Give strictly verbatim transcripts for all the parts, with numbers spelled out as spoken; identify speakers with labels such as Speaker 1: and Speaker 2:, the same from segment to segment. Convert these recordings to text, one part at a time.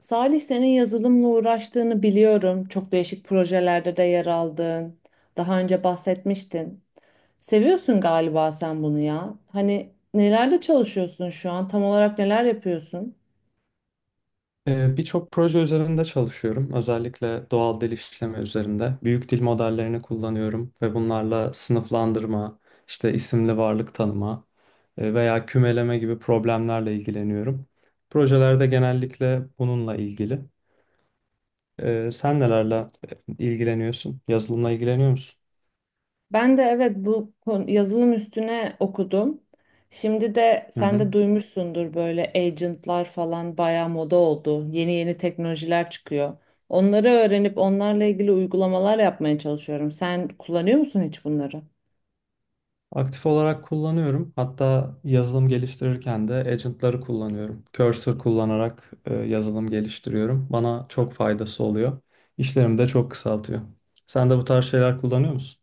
Speaker 1: Salih senin yazılımla uğraştığını biliyorum. Çok değişik projelerde de yer aldın. Daha önce bahsetmiştin. Seviyorsun galiba sen bunu ya. Hani nelerde çalışıyorsun şu an? Tam olarak neler yapıyorsun?
Speaker 2: Ee, Birçok proje üzerinde çalışıyorum. Özellikle doğal dil işleme üzerinde. Büyük dil modellerini kullanıyorum ve bunlarla sınıflandırma, işte isimli varlık tanıma e, veya kümeleme gibi problemlerle ilgileniyorum. Projelerde genellikle bununla ilgili. Ee, Sen nelerle ilgileniyorsun? Yazılımla ilgileniyor musun?
Speaker 1: Ben de evet bu kon- yazılım üstüne okudum. Şimdi de
Speaker 2: Hı
Speaker 1: sen
Speaker 2: hı.
Speaker 1: de duymuşsundur böyle agentlar falan bayağı moda oldu. Yeni yeni teknolojiler çıkıyor. Onları öğrenip onlarla ilgili uygulamalar yapmaya çalışıyorum. Sen kullanıyor musun hiç bunları?
Speaker 2: Aktif olarak kullanıyorum. Hatta yazılım geliştirirken de agentları kullanıyorum. Cursor kullanarak e, yazılım geliştiriyorum. Bana çok faydası oluyor. İşlerimi de çok kısaltıyor. Sen de bu tarz şeyler kullanıyor musun?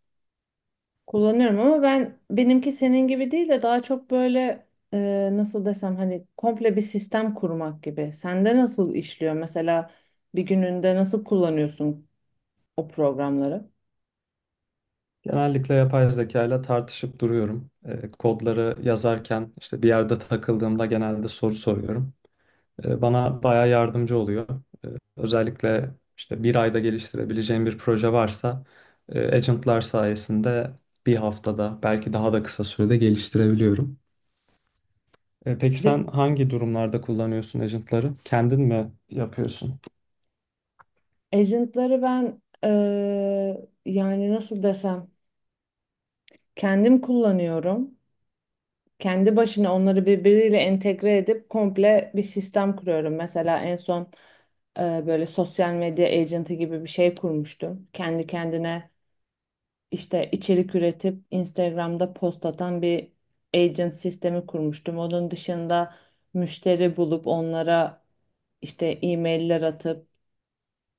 Speaker 1: Kullanıyorum ama ben benimki senin gibi değil de daha çok böyle e, nasıl desem hani komple bir sistem kurmak gibi. Sende nasıl işliyor mesela bir gününde nasıl kullanıyorsun o programları?
Speaker 2: Genellikle yapay zeka ile tartışıp duruyorum. E, kodları yazarken işte bir yerde takıldığımda genelde soru soruyorum. E, Bana bayağı yardımcı oluyor. E, Özellikle işte bir ayda geliştirebileceğim bir proje varsa e, agentlar sayesinde bir haftada belki daha da kısa sürede geliştirebiliyorum. E, Peki
Speaker 1: Di-
Speaker 2: sen hangi durumlarda kullanıyorsun agentları? Kendin mi yapıyorsun?
Speaker 1: Agent'ları ben eee, yani nasıl desem kendim kullanıyorum. Kendi başına onları birbiriyle entegre edip komple bir sistem kuruyorum. Mesela en son eee, böyle sosyal medya agent'ı gibi bir şey kurmuştum. Kendi kendine işte içerik üretip Instagram'da post atan bir agent sistemi kurmuştum. Onun dışında müşteri bulup onlara işte e-mailler atıp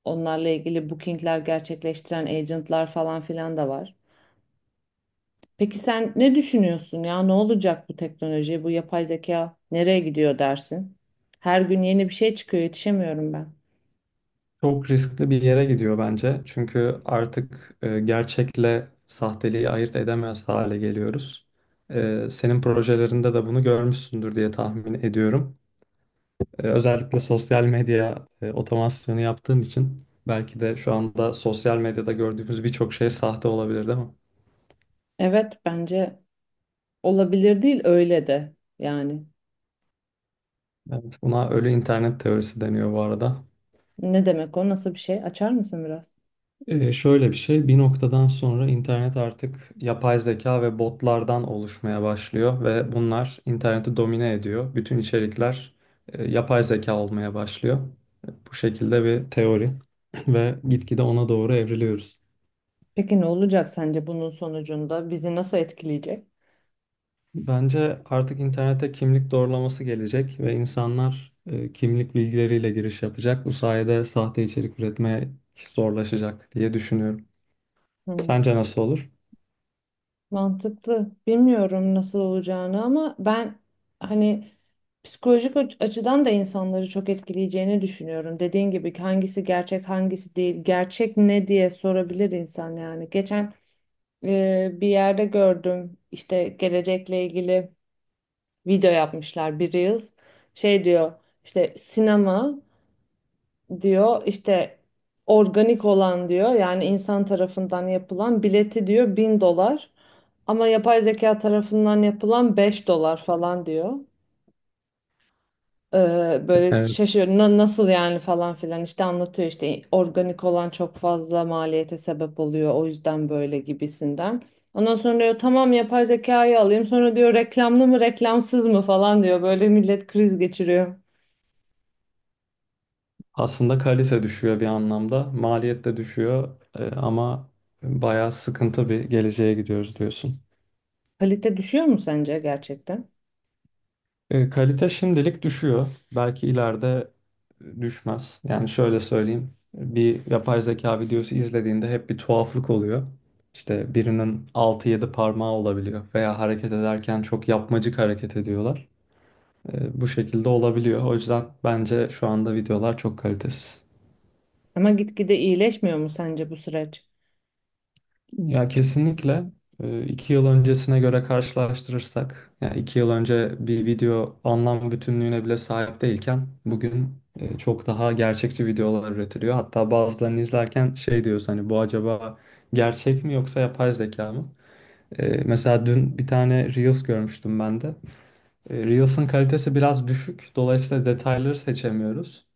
Speaker 1: onlarla ilgili bookingler gerçekleştiren agentlar falan filan da var. Peki sen ne düşünüyorsun ya? Ne olacak bu teknoloji, bu yapay zeka nereye gidiyor dersin? Her gün yeni bir şey çıkıyor, yetişemiyorum ben.
Speaker 2: Çok riskli bir yere gidiyor bence. Çünkü artık e, gerçekle sahteliği ayırt edemez hale geliyoruz. E, Senin projelerinde de bunu görmüşsündür diye tahmin ediyorum. Ee, Özellikle sosyal medya e, otomasyonu yaptığım için belki de şu anda sosyal medyada gördüğümüz birçok şey sahte olabilir değil mi?
Speaker 1: Evet, bence olabilir değil öyle de yani.
Speaker 2: Evet. Buna ölü internet teorisi deniyor bu arada.
Speaker 1: Ne demek o? Nasıl bir şey? Açar mısın biraz?
Speaker 2: Ee, şöyle bir şey, bir noktadan sonra internet artık yapay zeka ve botlardan oluşmaya başlıyor ve bunlar interneti domine ediyor. Bütün içerikler e, yapay zeka olmaya başlıyor. Bu şekilde bir teori ve gitgide ona doğru evriliyoruz.
Speaker 1: Peki ne olacak sence bunun sonucunda? Bizi nasıl etkileyecek?
Speaker 2: Bence artık internete kimlik doğrulaması gelecek ve insanlar e, kimlik bilgileriyle giriş yapacak. Bu sayede sahte içerik üretmeye zorlaşacak diye düşünüyorum.
Speaker 1: Hmm.
Speaker 2: Sence nasıl olur?
Speaker 1: Mantıklı. Bilmiyorum nasıl olacağını ama ben hani psikolojik aç- açıdan da insanları çok etkileyeceğini düşünüyorum. Dediğin gibi hangisi gerçek hangisi değil, gerçek ne diye sorabilir insan yani. Geçen e, bir yerde gördüm işte gelecekle ilgili video yapmışlar bir Reels. Şey diyor işte sinema diyor işte organik olan diyor yani insan tarafından yapılan bileti diyor bin dolar ama yapay zeka tarafından yapılan beş dolar falan diyor. Ee, böyle
Speaker 2: Evet.
Speaker 1: şaşırıyor, "Na- nasıl yani" falan filan işte anlatıyor, işte organik olan çok fazla maliyete sebep oluyor o yüzden böyle gibisinden. Ondan sonra diyor tamam yapay zekayı alayım, sonra diyor reklamlı mı reklamsız mı falan diyor, böyle millet kriz geçiriyor.
Speaker 2: Aslında kalite düşüyor bir anlamda. Maliyet de düşüyor e, ama bayağı sıkıntı bir geleceğe gidiyoruz diyorsun.
Speaker 1: Kalite düşüyor mu sence gerçekten?
Speaker 2: E, kalite şimdilik düşüyor. Belki ileride e, düşmez. Yani şöyle söyleyeyim. Bir yapay zeka videosu izlediğinde hep bir tuhaflık oluyor. İşte birinin altı yedi parmağı olabiliyor veya hareket ederken çok yapmacık hareket ediyorlar. E, bu şekilde olabiliyor. O yüzden bence şu anda videolar çok kalitesiz.
Speaker 1: Ama gitgide iyileşmiyor mu sence bu süreç?
Speaker 2: Ya kesinlikle e, iki yıl öncesine göre karşılaştırırsak, yani iki yıl önce bir video anlam bütünlüğüne bile sahip değilken bugün e, çok daha gerçekçi videolar üretiliyor. Hatta bazılarını izlerken şey diyoruz hani bu acaba gerçek mi yoksa yapay zeka mı? E, Mesela dün bir tane Reels görmüştüm ben de. E, Reels'ın kalitesi biraz düşük, dolayısıyla detayları seçemiyoruz.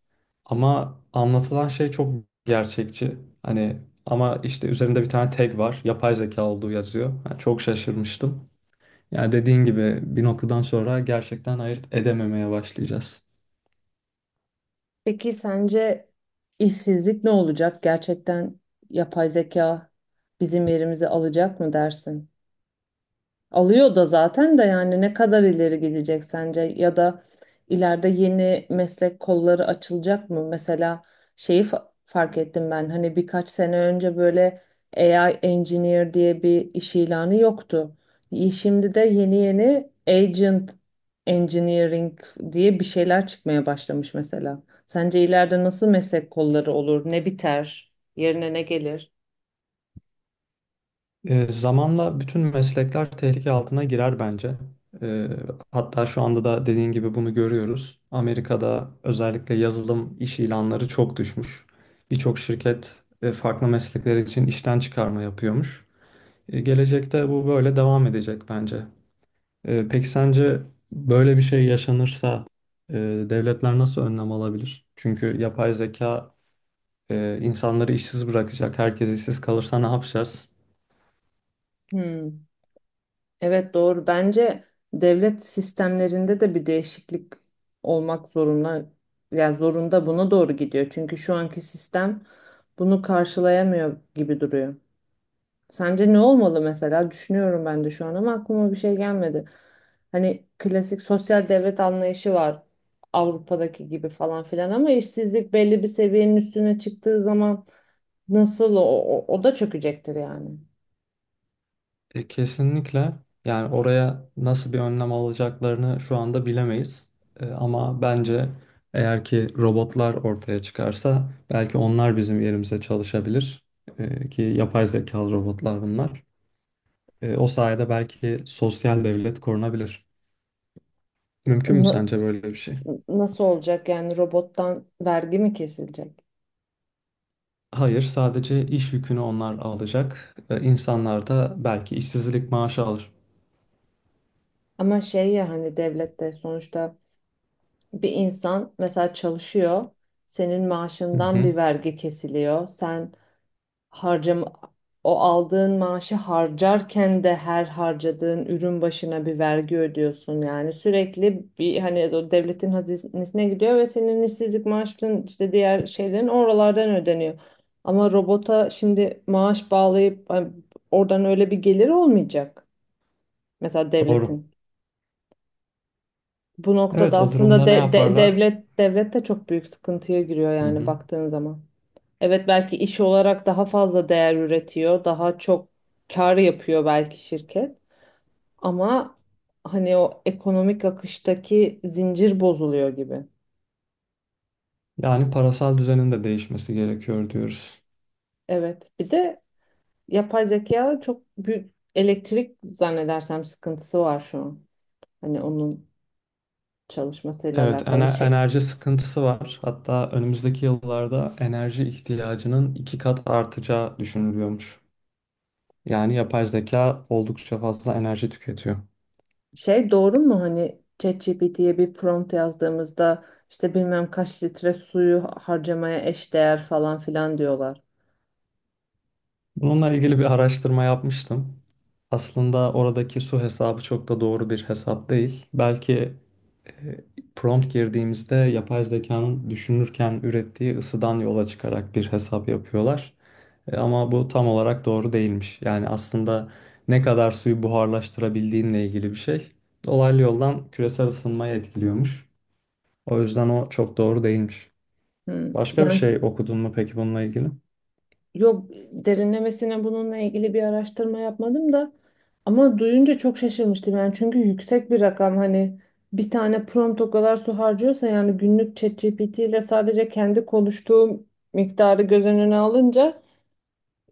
Speaker 2: Ama anlatılan şey çok gerçekçi. Hani ama işte üzerinde bir tane tag var. Yapay zeka olduğu yazıyor. Yani çok şaşırmıştım. Yani dediğin gibi bir noktadan sonra gerçekten ayırt edememeye başlayacağız.
Speaker 1: Peki sence işsizlik ne olacak? Gerçekten yapay zeka bizim yerimizi alacak mı dersin? Alıyor da zaten de, yani ne kadar ileri gidecek sence ya da ileride yeni meslek kolları açılacak mı? Mesela şeyi fa- fark ettim ben, hani birkaç sene önce böyle A I engineer diye bir iş ilanı yoktu. Y- Şimdi de yeni yeni agent engineering diye bir şeyler çıkmaya başlamış mesela. Sence ileride nasıl meslek kolları olur? Ne biter? Yerine ne gelir?
Speaker 2: Ee, zamanla bütün meslekler tehlike altına girer bence. Ee, Hatta şu anda da dediğin gibi bunu görüyoruz. Amerika'da özellikle yazılım iş ilanları çok düşmüş. Birçok şirket e, farklı meslekler için işten çıkarma yapıyormuş. E, Gelecekte bu böyle devam edecek bence. Ee, peki sence böyle bir şey yaşanırsa e, devletler nasıl önlem alabilir? Çünkü yapay zeka e, insanları işsiz bırakacak. Herkes işsiz kalırsa ne yapacağız?
Speaker 1: Hmm. Evet, doğru. Bence devlet sistemlerinde de bir değişiklik olmak zorunda. Yani zorunda, buna doğru gidiyor. Çünkü şu anki sistem bunu karşılayamıyor gibi duruyor. Sence ne olmalı mesela? Düşünüyorum ben de şu an ama aklıma bir şey gelmedi. Hani klasik sosyal devlet anlayışı var, Avrupa'daki gibi falan filan, ama işsizlik belli bir seviyenin üstüne çıktığı zaman nasıl o, o, o da çökecektir yani.
Speaker 2: E, kesinlikle yani oraya nasıl bir önlem alacaklarını şu anda bilemeyiz. E, ama bence eğer ki robotlar ortaya çıkarsa belki onlar bizim yerimize çalışabilir. E, ki yapay zekalı robotlar bunlar. E, o sayede belki sosyal devlet korunabilir. Mümkün mü
Speaker 1: Na-
Speaker 2: sence böyle bir şey?
Speaker 1: nasıl olacak yani, robottan vergi mi kesilecek?
Speaker 2: Hayır, sadece iş yükünü onlar alacak. Ee, İnsanlar da belki işsizlik maaşı alır.
Speaker 1: Ama şey ya, hani devlette sonuçta bir insan mesela çalışıyor, senin
Speaker 2: Hı
Speaker 1: maaşından
Speaker 2: hı,
Speaker 1: bir vergi kesiliyor. Sen harcam o aldığın maaşı harcarken de her harcadığın ürün başına bir vergi ödüyorsun. Yani sürekli bir hani o devletin hazinesine gidiyor ve senin işsizlik maaşın, işte diğer şeylerin oralardan ödeniyor. Ama robota şimdi maaş bağlayıp hani oradan öyle bir gelir olmayacak. Mesela
Speaker 2: doğru.
Speaker 1: devletin. Bu noktada
Speaker 2: Evet, o
Speaker 1: aslında
Speaker 2: durumda ne
Speaker 1: de- de-
Speaker 2: yaparlar?
Speaker 1: devlet devlet de çok büyük sıkıntıya giriyor
Speaker 2: Hı
Speaker 1: yani
Speaker 2: hı.
Speaker 1: baktığın zaman. Evet, belki iş olarak daha fazla değer üretiyor, daha çok kar yapıyor belki şirket, ama hani o ekonomik akıştaki zincir bozuluyor gibi.
Speaker 2: Yani parasal düzenin de değişmesi gerekiyor diyoruz.
Speaker 1: Evet. Bir de yapay zeka çok büyük elektrik zannedersem sıkıntısı var şu an. Hani onun çalışmasıyla
Speaker 2: Evet,
Speaker 1: alakalı
Speaker 2: ene-
Speaker 1: şey.
Speaker 2: enerji sıkıntısı var. Hatta önümüzdeki yıllarda enerji ihtiyacının iki kat artacağı düşünülüyormuş. Yani yapay zeka oldukça fazla enerji tüketiyor.
Speaker 1: Şey, doğru mu hani ChatGPT'ye bir prompt yazdığımızda işte bilmem kaç litre suyu harcamaya eşdeğer falan filan diyorlar.
Speaker 2: Bununla ilgili bir araştırma yapmıştım. Aslında oradaki su hesabı çok da doğru bir hesap değil. Belki e, prompt girdiğimizde yapay zekanın düşünürken ürettiği ısıdan yola çıkarak bir hesap yapıyorlar. E, Ama bu tam olarak doğru değilmiş. Yani aslında ne kadar suyu buharlaştırabildiğinle ilgili bir şey. Dolaylı yoldan küresel ısınmayı etkiliyormuş. O yüzden o çok doğru değilmiş.
Speaker 1: Hmm.
Speaker 2: Başka bir
Speaker 1: Yani
Speaker 2: şey okudun mu peki bununla ilgili?
Speaker 1: yok, derinlemesine bununla ilgili bir araştırma yapmadım da ama duyunca çok şaşırmıştım yani, çünkü yüksek bir rakam, hani bir tane prompt o kadar su harcıyorsa yani günlük ChatGPT ile sadece kendi konuştuğum miktarı göz önüne alınca.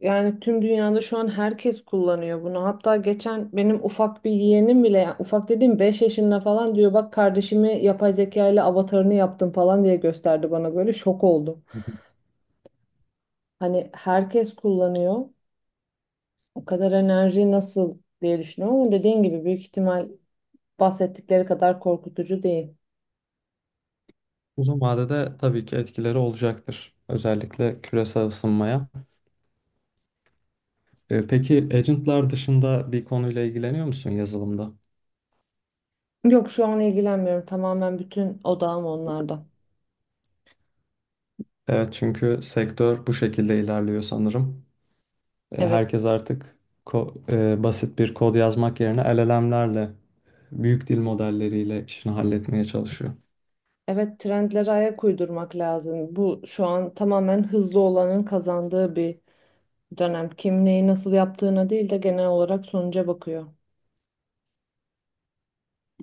Speaker 1: Yani tüm dünyada şu an herkes kullanıyor bunu. Hatta geçen benim ufak bir yeğenim bile, yani ufak dediğim beş yaşında falan, diyor bak kardeşimi yapay zeka ile avatarını yaptım falan diye gösterdi bana, böyle şok oldum. Hani herkes kullanıyor. O kadar enerji nasıl diye düşünüyorum ama dediğin gibi büyük ihtimal bahsettikleri kadar korkutucu değil.
Speaker 2: Uzun vadede tabii ki etkileri olacaktır. Özellikle küresel ısınmaya. Ee, peki agentlar dışında bir konuyla ilgileniyor musun yazılımda?
Speaker 1: Yok, şu an ilgilenmiyorum. Tamamen bütün odağım onlarda.
Speaker 2: Evet çünkü sektör bu şekilde ilerliyor sanırım. Ee,
Speaker 1: Evet.
Speaker 2: herkes artık ko- e, basit bir kod yazmak yerine L L M'lerle, büyük dil modelleriyle işini halletmeye çalışıyor.
Speaker 1: Evet, trendlere ayak uydurmak lazım. Bu şu an tamamen hızlı olanın kazandığı bir dönem. Kim neyi nasıl yaptığına değil de genel olarak sonuca bakıyor.